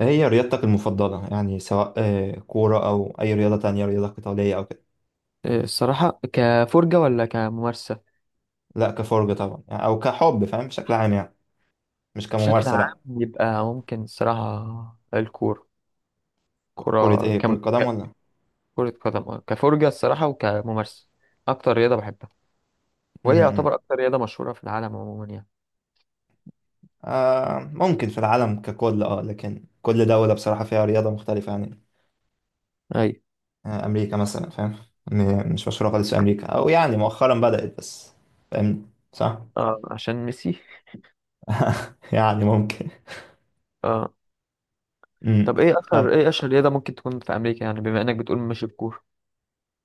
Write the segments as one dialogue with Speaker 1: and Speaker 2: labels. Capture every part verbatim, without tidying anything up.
Speaker 1: هي رياضتك المفضلة يعني سواء آه، كورة أو أي رياضة تانية رياضة قتالية أو كده.
Speaker 2: الصراحة كفرجة ولا كممارسة؟
Speaker 1: لا كفرجة طبعا يعني أو كحب فاهم بشكل عام يعني. مش
Speaker 2: بشكل
Speaker 1: كممارسة لا.
Speaker 2: عام يبقى ممكن الصراحة الكورة،
Speaker 1: ك- كرة
Speaker 2: كرة
Speaker 1: إيه كرة
Speaker 2: كم...
Speaker 1: قدم
Speaker 2: ك-
Speaker 1: ولا؟
Speaker 2: كرة قدم. آه. كفرجة الصراحة وكممارسة. أكتر رياضة بحبها، وهي
Speaker 1: امم
Speaker 2: يعتبر أكتر رياضة مشهورة في العالم عموما يعني.
Speaker 1: آه ممكن في العالم ككل أه لكن كل دولة بصراحة فيها رياضة مختلفة يعني.
Speaker 2: أي.
Speaker 1: آه أمريكا مثلا فاهم. م- مش مشهورة خالص في أمريكا أو يعني مؤخرا بدأت بس. فاهم صح.
Speaker 2: آه، عشان ميسي.
Speaker 1: يعني ممكن.
Speaker 2: آه.
Speaker 1: امم
Speaker 2: طب إيه أشهر إيه أشهر رياضة ممكن تكون في أمريكا، يعني بما إنك بتقول مش الكورة.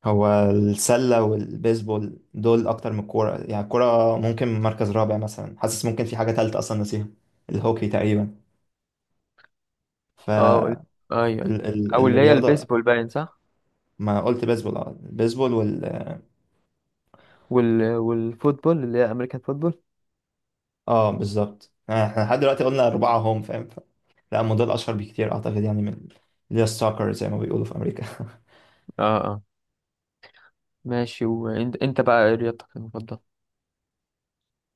Speaker 1: هو السلة والبيسبول دول أكتر من الكورة يعني الكورة ممكن مركز رابع مثلا حاسس ممكن في حاجة تالتة أصلا نسيها. الهوكي تقريبا.
Speaker 2: آه، قول. أي أي. أو اللي هي
Speaker 1: فالرياضة
Speaker 2: البيسبول باين، صح.
Speaker 1: ما قلت بيسبول اه البيسبول وال...
Speaker 2: وال... والفوتبول اللي هي أمريكان فوتبول.
Speaker 1: اه بالظبط يعني احنا لحد دلوقتي قلنا أربعة هم فاهم ف... لا هم دول أشهر بكتير أعتقد يعني من اللي هي الساكر زي ما بيقولوا في أمريكا
Speaker 2: آه آه. ماشي. وإنت إنت بقى إيه رياضتك المفضلة؟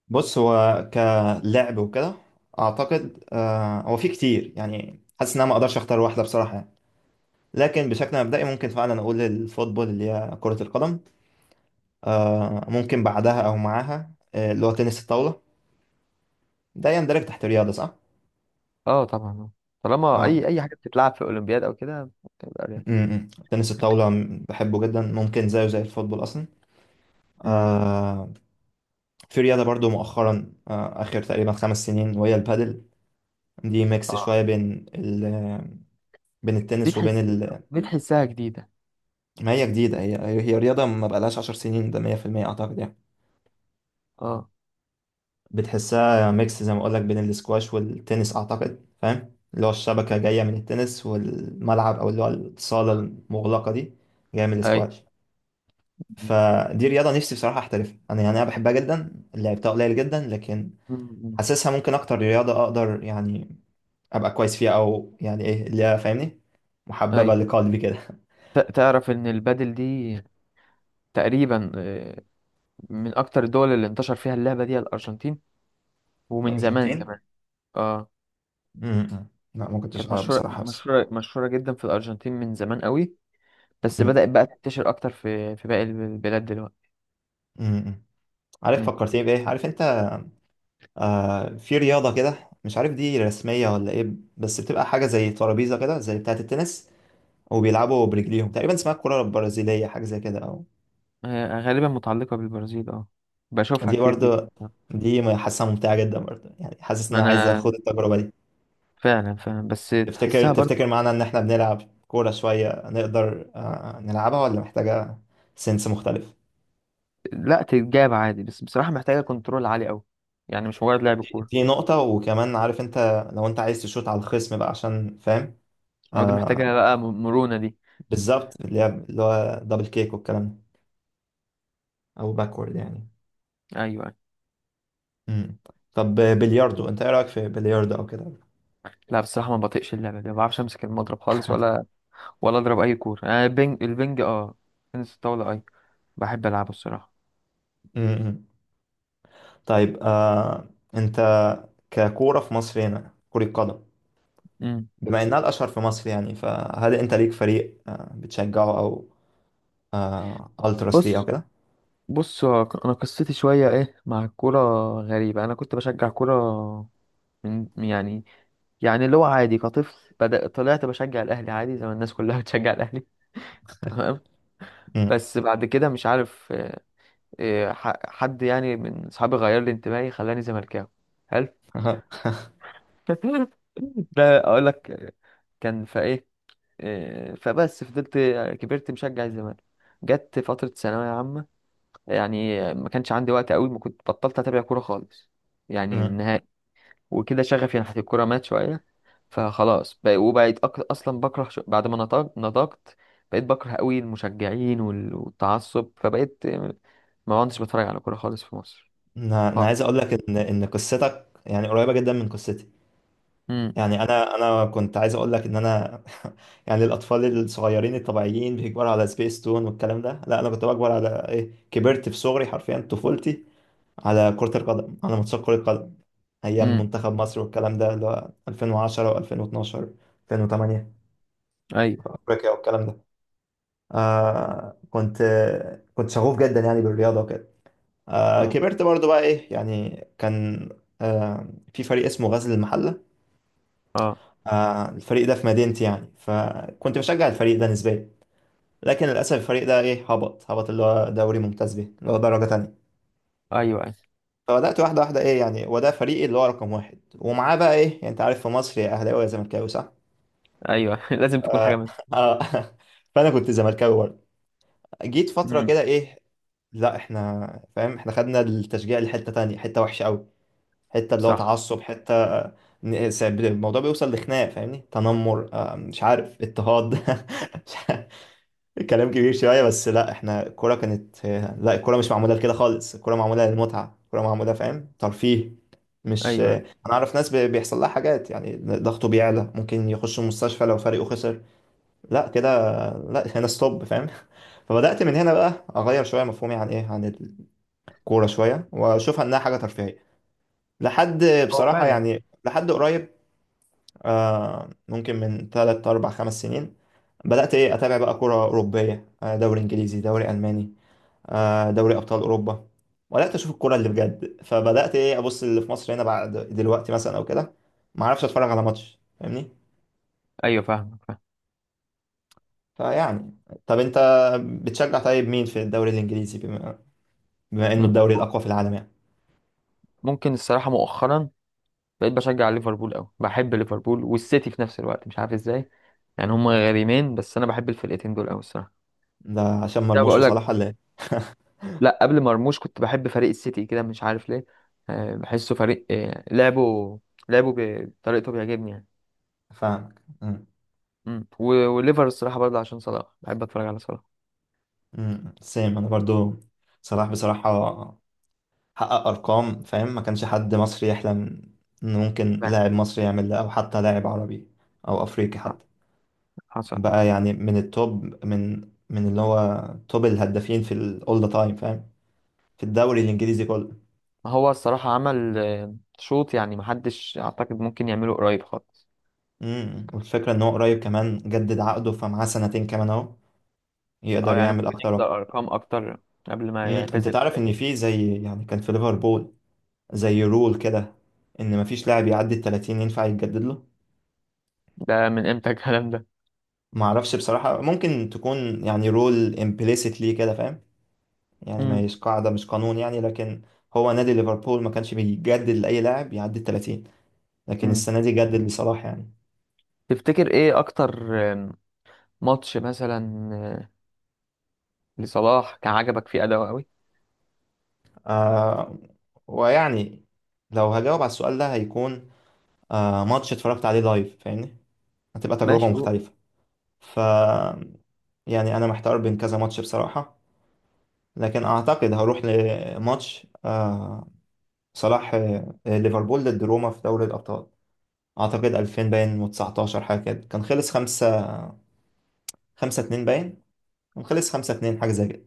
Speaker 1: بص هو كلعب وكده. أعتقد آه هو في كتير يعني حاسس إن أنا ما أقدرش أختار واحدة بصراحة. لكن بشكل مبدئي ممكن فعلا اقول الفوتبول اللي هي كرة القدم. آه ممكن بعدها او معاها آه، اللي هو تنس الطاولة. ده يندرج تحت رياضة صح؟
Speaker 2: اه، طبعا. طالما
Speaker 1: اه.
Speaker 2: اي اي حاجه بتتلعب في الاولمبياد او كده بتبقى رياضه.
Speaker 1: م-م. تنس الطاولة م- بحبه جدا ممكن زيه زي الفوتبول اصلا.
Speaker 2: امم.
Speaker 1: آه في رياضة برضو مؤخرا آه اخر تقريبا خمس سنين وهي البادل. دي ميكس
Speaker 2: اه،
Speaker 1: شوية بين ال بين
Speaker 2: دي
Speaker 1: التنس وبين
Speaker 2: تحس
Speaker 1: ال...
Speaker 2: دي تحسها جديده.
Speaker 1: ما هي جديدة هي. هي رياضة ما بقالهاش عشر سنين ده مية في المية اعتقد يعني.
Speaker 2: اه.
Speaker 1: بتحسها ميكس زي ما اقولك بين الاسكواش والتنس اعتقد فاهم اللي هو الشبكة جاية من التنس والملعب او اللي هو الصالة المغلقة دي جاية من
Speaker 2: اي.
Speaker 1: الاسكواش. فدي رياضة نفسي بصراحة احترفها انا يعني انا بحبها جدا لعبتها قليل جدا لكن...
Speaker 2: امم.
Speaker 1: حاسسها ممكن اكتر رياضة اقدر يعني ابقى كويس فيها او يعني ايه اللي هي فاهمني
Speaker 2: اي.
Speaker 1: محببة لقلبي كده
Speaker 2: ت- تعرف ان البادل دي تقريبا، آه، من اكتر الدول اللي انتشر فيها اللعبه دي الارجنتين، ومن زمان
Speaker 1: الارجنتين.
Speaker 2: كمان. اه.
Speaker 1: م- م. لا ما كنتش
Speaker 2: كانت
Speaker 1: اعرف
Speaker 2: مشهوره
Speaker 1: بصراحة بس...
Speaker 2: مشهوره مشهوره جدا في الارجنتين من زمان قوي، بس
Speaker 1: م-
Speaker 2: بدات بقى تنتشر اكتر في في باقي البلاد دلوقتي.
Speaker 1: م- م. عارف
Speaker 2: امم.
Speaker 1: فكرتني بايه عارف انت. آه في رياضة كده مش عارف دي رسمية ولا ايه. بس بتبقى حاجة زي ترابيزة كده زي بتاعة التنس وبيلعبوا برجليهم تقريبا اسمها الكرة البرازيلية حاجة زي كده او...
Speaker 2: هي غالبا متعلقه بالبرازيل. اه. بشوفها
Speaker 1: دي
Speaker 2: كتير جدا.
Speaker 1: برضه.
Speaker 2: آه.
Speaker 1: دي م- حاسسها ممتعة جدا برضه يعني حاسس ان
Speaker 2: ما
Speaker 1: انا عايز
Speaker 2: انا
Speaker 1: اخد التجربة دي.
Speaker 2: فعلا فعلا، بس
Speaker 1: تفتكر
Speaker 2: تحسها
Speaker 1: تفتكر
Speaker 2: برضه.
Speaker 1: معانا ان احنا بنلعب كورة شوية نقدر آه نلعبها ولا محتاجة سنس مختلف؟
Speaker 2: لا، تتجاب عادي، بس بصراحة محتاجة كنترول عالي قوي، يعني مش مجرد لعب
Speaker 1: دي,
Speaker 2: كورة.
Speaker 1: دي نقطة وكمان عارف انت. لو انت عايز تشوط على الخصم بقى عشان فاهم
Speaker 2: أو دي
Speaker 1: آه
Speaker 2: محتاجة بقى، م- مرونة دي.
Speaker 1: بالظبط اللي هي اللي هو دبل كيك والكلام ده او باكورد يعني.
Speaker 2: أيوة أيوة.
Speaker 1: مم. طب بلياردو انت ايه رايك في بلياردو او كده؟
Speaker 2: لا بصراحة ما بطيقش اللعبة دي، ما بعرفش أمسك المضرب خالص، ولا ولا أضرب أي كورة. أنا البنج البنج، أه. تنس الطاولة أي، بحب ألعبه الصراحة.
Speaker 1: مم. طيب آه انت ككوره في مصر هنا كره قدم.
Speaker 2: أمم.
Speaker 1: بما انها الاشهر في مصر يعني فهل انت ليك فريق آه بتشجعه او آه التراس ليه او
Speaker 2: بص
Speaker 1: كده؟
Speaker 2: بص، هو أنا قصتي شوية إيه مع الكورة، غريبة. أنا كنت بشجع كورة من، يعني، يعني اللي هو عادي كطفل بدأ، طلعت بشجع الأهلي عادي زي ما الناس كلها بتشجع الأهلي. تمام.
Speaker 1: مم.
Speaker 2: بس بعد كده مش عارف، آه، آه، ح- حد يعني من صحابي غير لي انتمائي خلاني زملكاوي. حلو. ده اقول لك، كان في ايه، آه، فبس فضلت، آه، كبرت مشجع الزمالك. جت فترة ثانوية عامة، يعني ما كانش عندي وقت قوي، ما كنت بطلت اتابع كورة خالص، يعني
Speaker 1: مم.
Speaker 2: النهائي. وكده شغفي ناحية الكورة مات شوية. فخلاص بقى، وبقيت أك... أصلا بكره، ش... بعد ما نضج... نضجت بقيت بكره قوي المشجعين وال... والتعصب. فبقيت، آه، ما كنتش بتفرج على كورة خالص في مصر
Speaker 1: انا أنا
Speaker 2: خالص.
Speaker 1: عايز اقول لك ان ان قصتك يعني قريبه جدا من قصتي.
Speaker 2: امم
Speaker 1: يعني انا انا كنت عايز اقول لك ان انا يعني الاطفال الصغيرين الطبيعيين بيكبروا على سبيس تون والكلام ده لا انا كنت بكبر على ايه كبرت في صغري حرفيا طفولتي على كرة القدم على ماتشات كرة قدم. أيام
Speaker 2: امم.
Speaker 1: منتخب مصر والكلام ده اللي هو ألفين وعشرة و2012 ألفين وتمانية
Speaker 2: ايوه.
Speaker 1: في أفريقيا والكلام ده. آه كنت كنت شغوف جدا يعني بالرياضة وكده. آه
Speaker 2: اه
Speaker 1: كبرت برضو بقى إيه يعني كان آه في فريق اسمه غزل المحلة.
Speaker 2: اه.
Speaker 1: آه الفريق ده في مدينتي يعني فكنت بشجع الفريق ده نسبيا. لكن للأسف الفريق ده إيه هبط هبط اللي هو دوري ممتاز به اللي هو درجة تانية.
Speaker 2: ايوه ايوه
Speaker 1: فبدأت واحدة واحدة ايه يعني وده فريقي اللي هو رقم واحد ومعاه بقى ايه يعني انت عارف في مصر يا اهلاوي يا زملكاوي صح؟
Speaker 2: ايوه. لازم تكون حاجة منهم.
Speaker 1: اه فانا كنت زملكاوي برضه. جيت فترة
Speaker 2: امم.
Speaker 1: كده ايه. لا احنا فاهم احنا خدنا التشجيع لحتة تانية حتة وحشة قوي حتة اللي هو
Speaker 2: صح.
Speaker 1: تعصب حتة آه، ن- س- الموضوع بيوصل لخناق فاهمني تنمر آه، مش عارف اضطهاد مش عارف. كلام كبير شوية بس لا احنا الكورة كانت... لا الكورة مش معمولة لكده خالص الكورة معمولة للمتعة الكورة معمولة فاهم ترفيه. مش
Speaker 2: ايوه.
Speaker 1: انا اعرف ناس بي- بيحصل لها حاجات يعني ضغطه بيعلى ممكن يخش المستشفى لو فريقه خسر. لا كده. لا هنا ستوب فاهم فبدأت من هنا بقى اغير شوية مفهومي عن ايه عن الكورة شوية واشوفها انها حاجة ترفيهية. لحد
Speaker 2: هو
Speaker 1: بصراحة
Speaker 2: فعلا.
Speaker 1: يعني لحد قريب آه ممكن من ثلاثة أربعة خمسة سنين. بدأت ايه اتابع بقى كورة أوروبية آه، دوري انجليزي دوري ألماني آه، دوري ابطال اوروبا. وبدات اشوف الكوره اللي بجد فبدات ايه ابص اللي في مصر هنا بعد دلوقتي مثلا او كده. ما اعرفش اتفرج على ماتش فاهمني.
Speaker 2: ايوه، فاهم فاهم.
Speaker 1: فيعني طب انت بتشجع طيب مين في الدوري الانجليزي بما, بما انه
Speaker 2: مم.
Speaker 1: الدوري الاقوى في العالم يعني؟
Speaker 2: ممكن الصراحة مؤخرا بقيت بشجع ليفربول قوي، بحب ليفربول والسيتي في نفس الوقت مش عارف ازاي. يعني هما غريمين، بس انا بحب الفرقتين دول قوي الصراحة.
Speaker 1: ده عشان
Speaker 2: لا،
Speaker 1: مرموش
Speaker 2: بقول لك.
Speaker 1: وصلاح ولا ايه؟
Speaker 2: لا، قبل مرموش كنت بحب فريق السيتي كده مش عارف ليه. آه، بحسه فريق، آه، لعبه، لعبه بطريقته بيعجبني يعني.
Speaker 1: فاهمك أمم،
Speaker 2: مم. و- وليفر الصراحة برضه عشان صلاح، بحب اتفرج على صلاح.
Speaker 1: أمم، سيم انا برضو. صلاح بصراحه حقق ارقام فاهم ما كانش حد مصري يحلم ان ممكن
Speaker 2: لا.
Speaker 1: لاعب مصري يعمل ده او حتى لاعب عربي او افريقي حتى.
Speaker 2: حصل
Speaker 1: بقى
Speaker 2: حصل.
Speaker 1: يعني من التوب من من اللي هو توب الهدافين في الاول ذا تايم فاهم في الدوري الانجليزي كله.
Speaker 2: ما هو الصراحة عمل، آه، شوط يعني محدش اعتقد ممكن يعمله قريب خالص.
Speaker 1: امم والفكره ان هو قريب كمان جدد عقده فمعاه سنتين كمان اهو
Speaker 2: اه،
Speaker 1: يقدر
Speaker 2: يعني
Speaker 1: يعمل
Speaker 2: ممكن
Speaker 1: اكتر اكتر.
Speaker 2: يكسر ارقام اكتر قبل ما
Speaker 1: امم انت
Speaker 2: يعتزل.
Speaker 1: تعرف ان في زي يعني كان في ليفربول زي رول كده ان مفيش لاعب يعدي ال تلاتين ينفع يتجدد له.
Speaker 2: ده من امتى الكلام ده؟
Speaker 1: ما اعرفش بصراحه ممكن تكون يعني رول امبليسيتلي كده فاهم يعني ما
Speaker 2: مم.
Speaker 1: هيش قاعده مش قانون يعني لكن... هو نادي ليفربول ما كانش بيجدد لاي لاعب يعدي ال تلاتين لكن
Speaker 2: مم.
Speaker 1: السنة دي جدد بصراحة يعني.
Speaker 2: تفتكر ايه اكتر، آم، ماتش مثلا، آه، لصلاح كان عجبك فيه اداؤه قوي؟
Speaker 1: آه ويعني لو هجاوب على السؤال ده هيكون آه ماتش اتفرجت عليه لايف فاهمني هتبقى تجربة
Speaker 2: ماشي.
Speaker 1: مختلفة. ف يعني أنا محتار بين كذا ماتش بصراحة. لكن أعتقد هروح لماتش آه صلاح آه، ليفربول ضد روما في دوري الأبطال. أعتقد ألفين باين و19 حاجة كده كان خلص خمسة خمسة اتنين باين. كان خلص خمسة اتنين حاجة زي كده.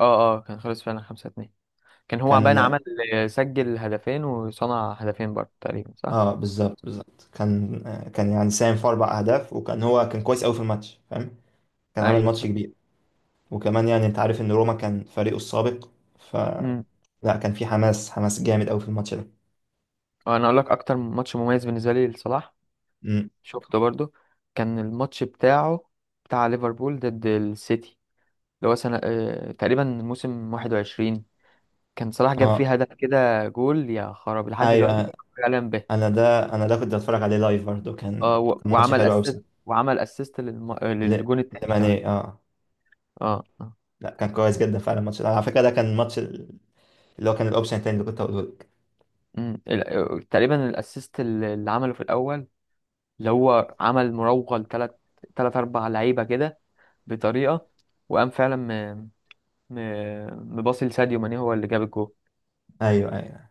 Speaker 2: اه اه، كان خلص فعلا خمسة اتنين. كان هو عبان
Speaker 1: كان
Speaker 2: عمل، سجل هدفين وصنع هدفين برضه تقريبا، صح؟
Speaker 1: اه بالظبط بالظبط كان آه، كان يعني ساهم في اربع اهداف وكان هو كان كويس قوي في الماتش فاهم. كان عامل
Speaker 2: ايوه
Speaker 1: ماتش
Speaker 2: صح.
Speaker 1: كبير. وكمان يعني انت عارف ان روما كان فريقه السابق ف
Speaker 2: امم.
Speaker 1: لا كان في حماس حماس جامد قوي في الماتش ده.
Speaker 2: انا اقول لك اكتر ماتش مميز بالنسبة لي لصلاح
Speaker 1: امم
Speaker 2: شفته برضه. كان الماتش بتاعه، بتاع ليفربول ضد السيتي، اللي هو سنة، آه، تقريبا موسم واحد وعشرين. كان صلاح جاب
Speaker 1: اه
Speaker 2: فيه هدف كده، جول يا خراب، لحد دلوقتي
Speaker 1: ايوه
Speaker 2: كنت بتكلم به.
Speaker 1: انا ده انا ده كنت بتفرج عليه لايف برضه
Speaker 2: اه،
Speaker 1: كان
Speaker 2: و-
Speaker 1: كان ماتش
Speaker 2: وعمل
Speaker 1: حلو قوي بصراحه.
Speaker 2: اسيست، وعمل اسيست للم... آه،
Speaker 1: ل-
Speaker 2: للجون التاني كمان.
Speaker 1: لماني اه.
Speaker 2: اه اه.
Speaker 1: لا كان كويس جدا فعلا الماتش ده على فكره ده كان الماتش اللي هو كان الاوبشن التاني اللي كنت هقوله لك.
Speaker 2: امم. ال- آه، تقريبا الاسيست اللي اللي عمله في الاول، اللي هو عمل مراوغة لتلات تلات أربع لعيبة كده، بطريقة. وقام فعلا م... م... مباصي لساديو ماني، هو اللي جاب الجول.
Speaker 1: ايوه ايوه.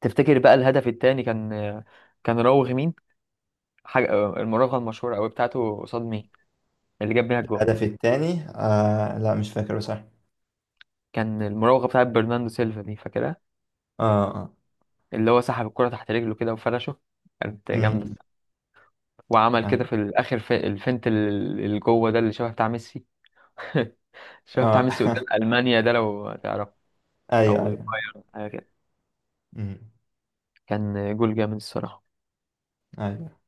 Speaker 2: تفتكر بقى الهدف التاني كان، كان راوغ مين؟ حاجة المراوغة المشهورة أوي بتاعته قصاد مين؟ اللي جاب بيها الجول.
Speaker 1: الهدف التاني آه لا مش فاكر بصراحه.
Speaker 2: كان المراوغة بتاعت برناردو سيلفا، دي فاكرها؟
Speaker 1: اه اه.
Speaker 2: اللي هو سحب الكرة تحت رجله كده وفرشه، كانت جامدة.
Speaker 1: امم
Speaker 2: وعمل كده
Speaker 1: ايوه
Speaker 2: في الآخر في الفنت ال- اللي جوه ده، اللي شبه بتاع ميسي. شبه بتاع ميسي
Speaker 1: اه
Speaker 2: قدام ألمانيا، ده لو تعرفه.
Speaker 1: ايوه
Speaker 2: أو
Speaker 1: ايوه
Speaker 2: البايرن.
Speaker 1: أمم،
Speaker 2: كان جول جامد الصراحة.
Speaker 1: ايوه.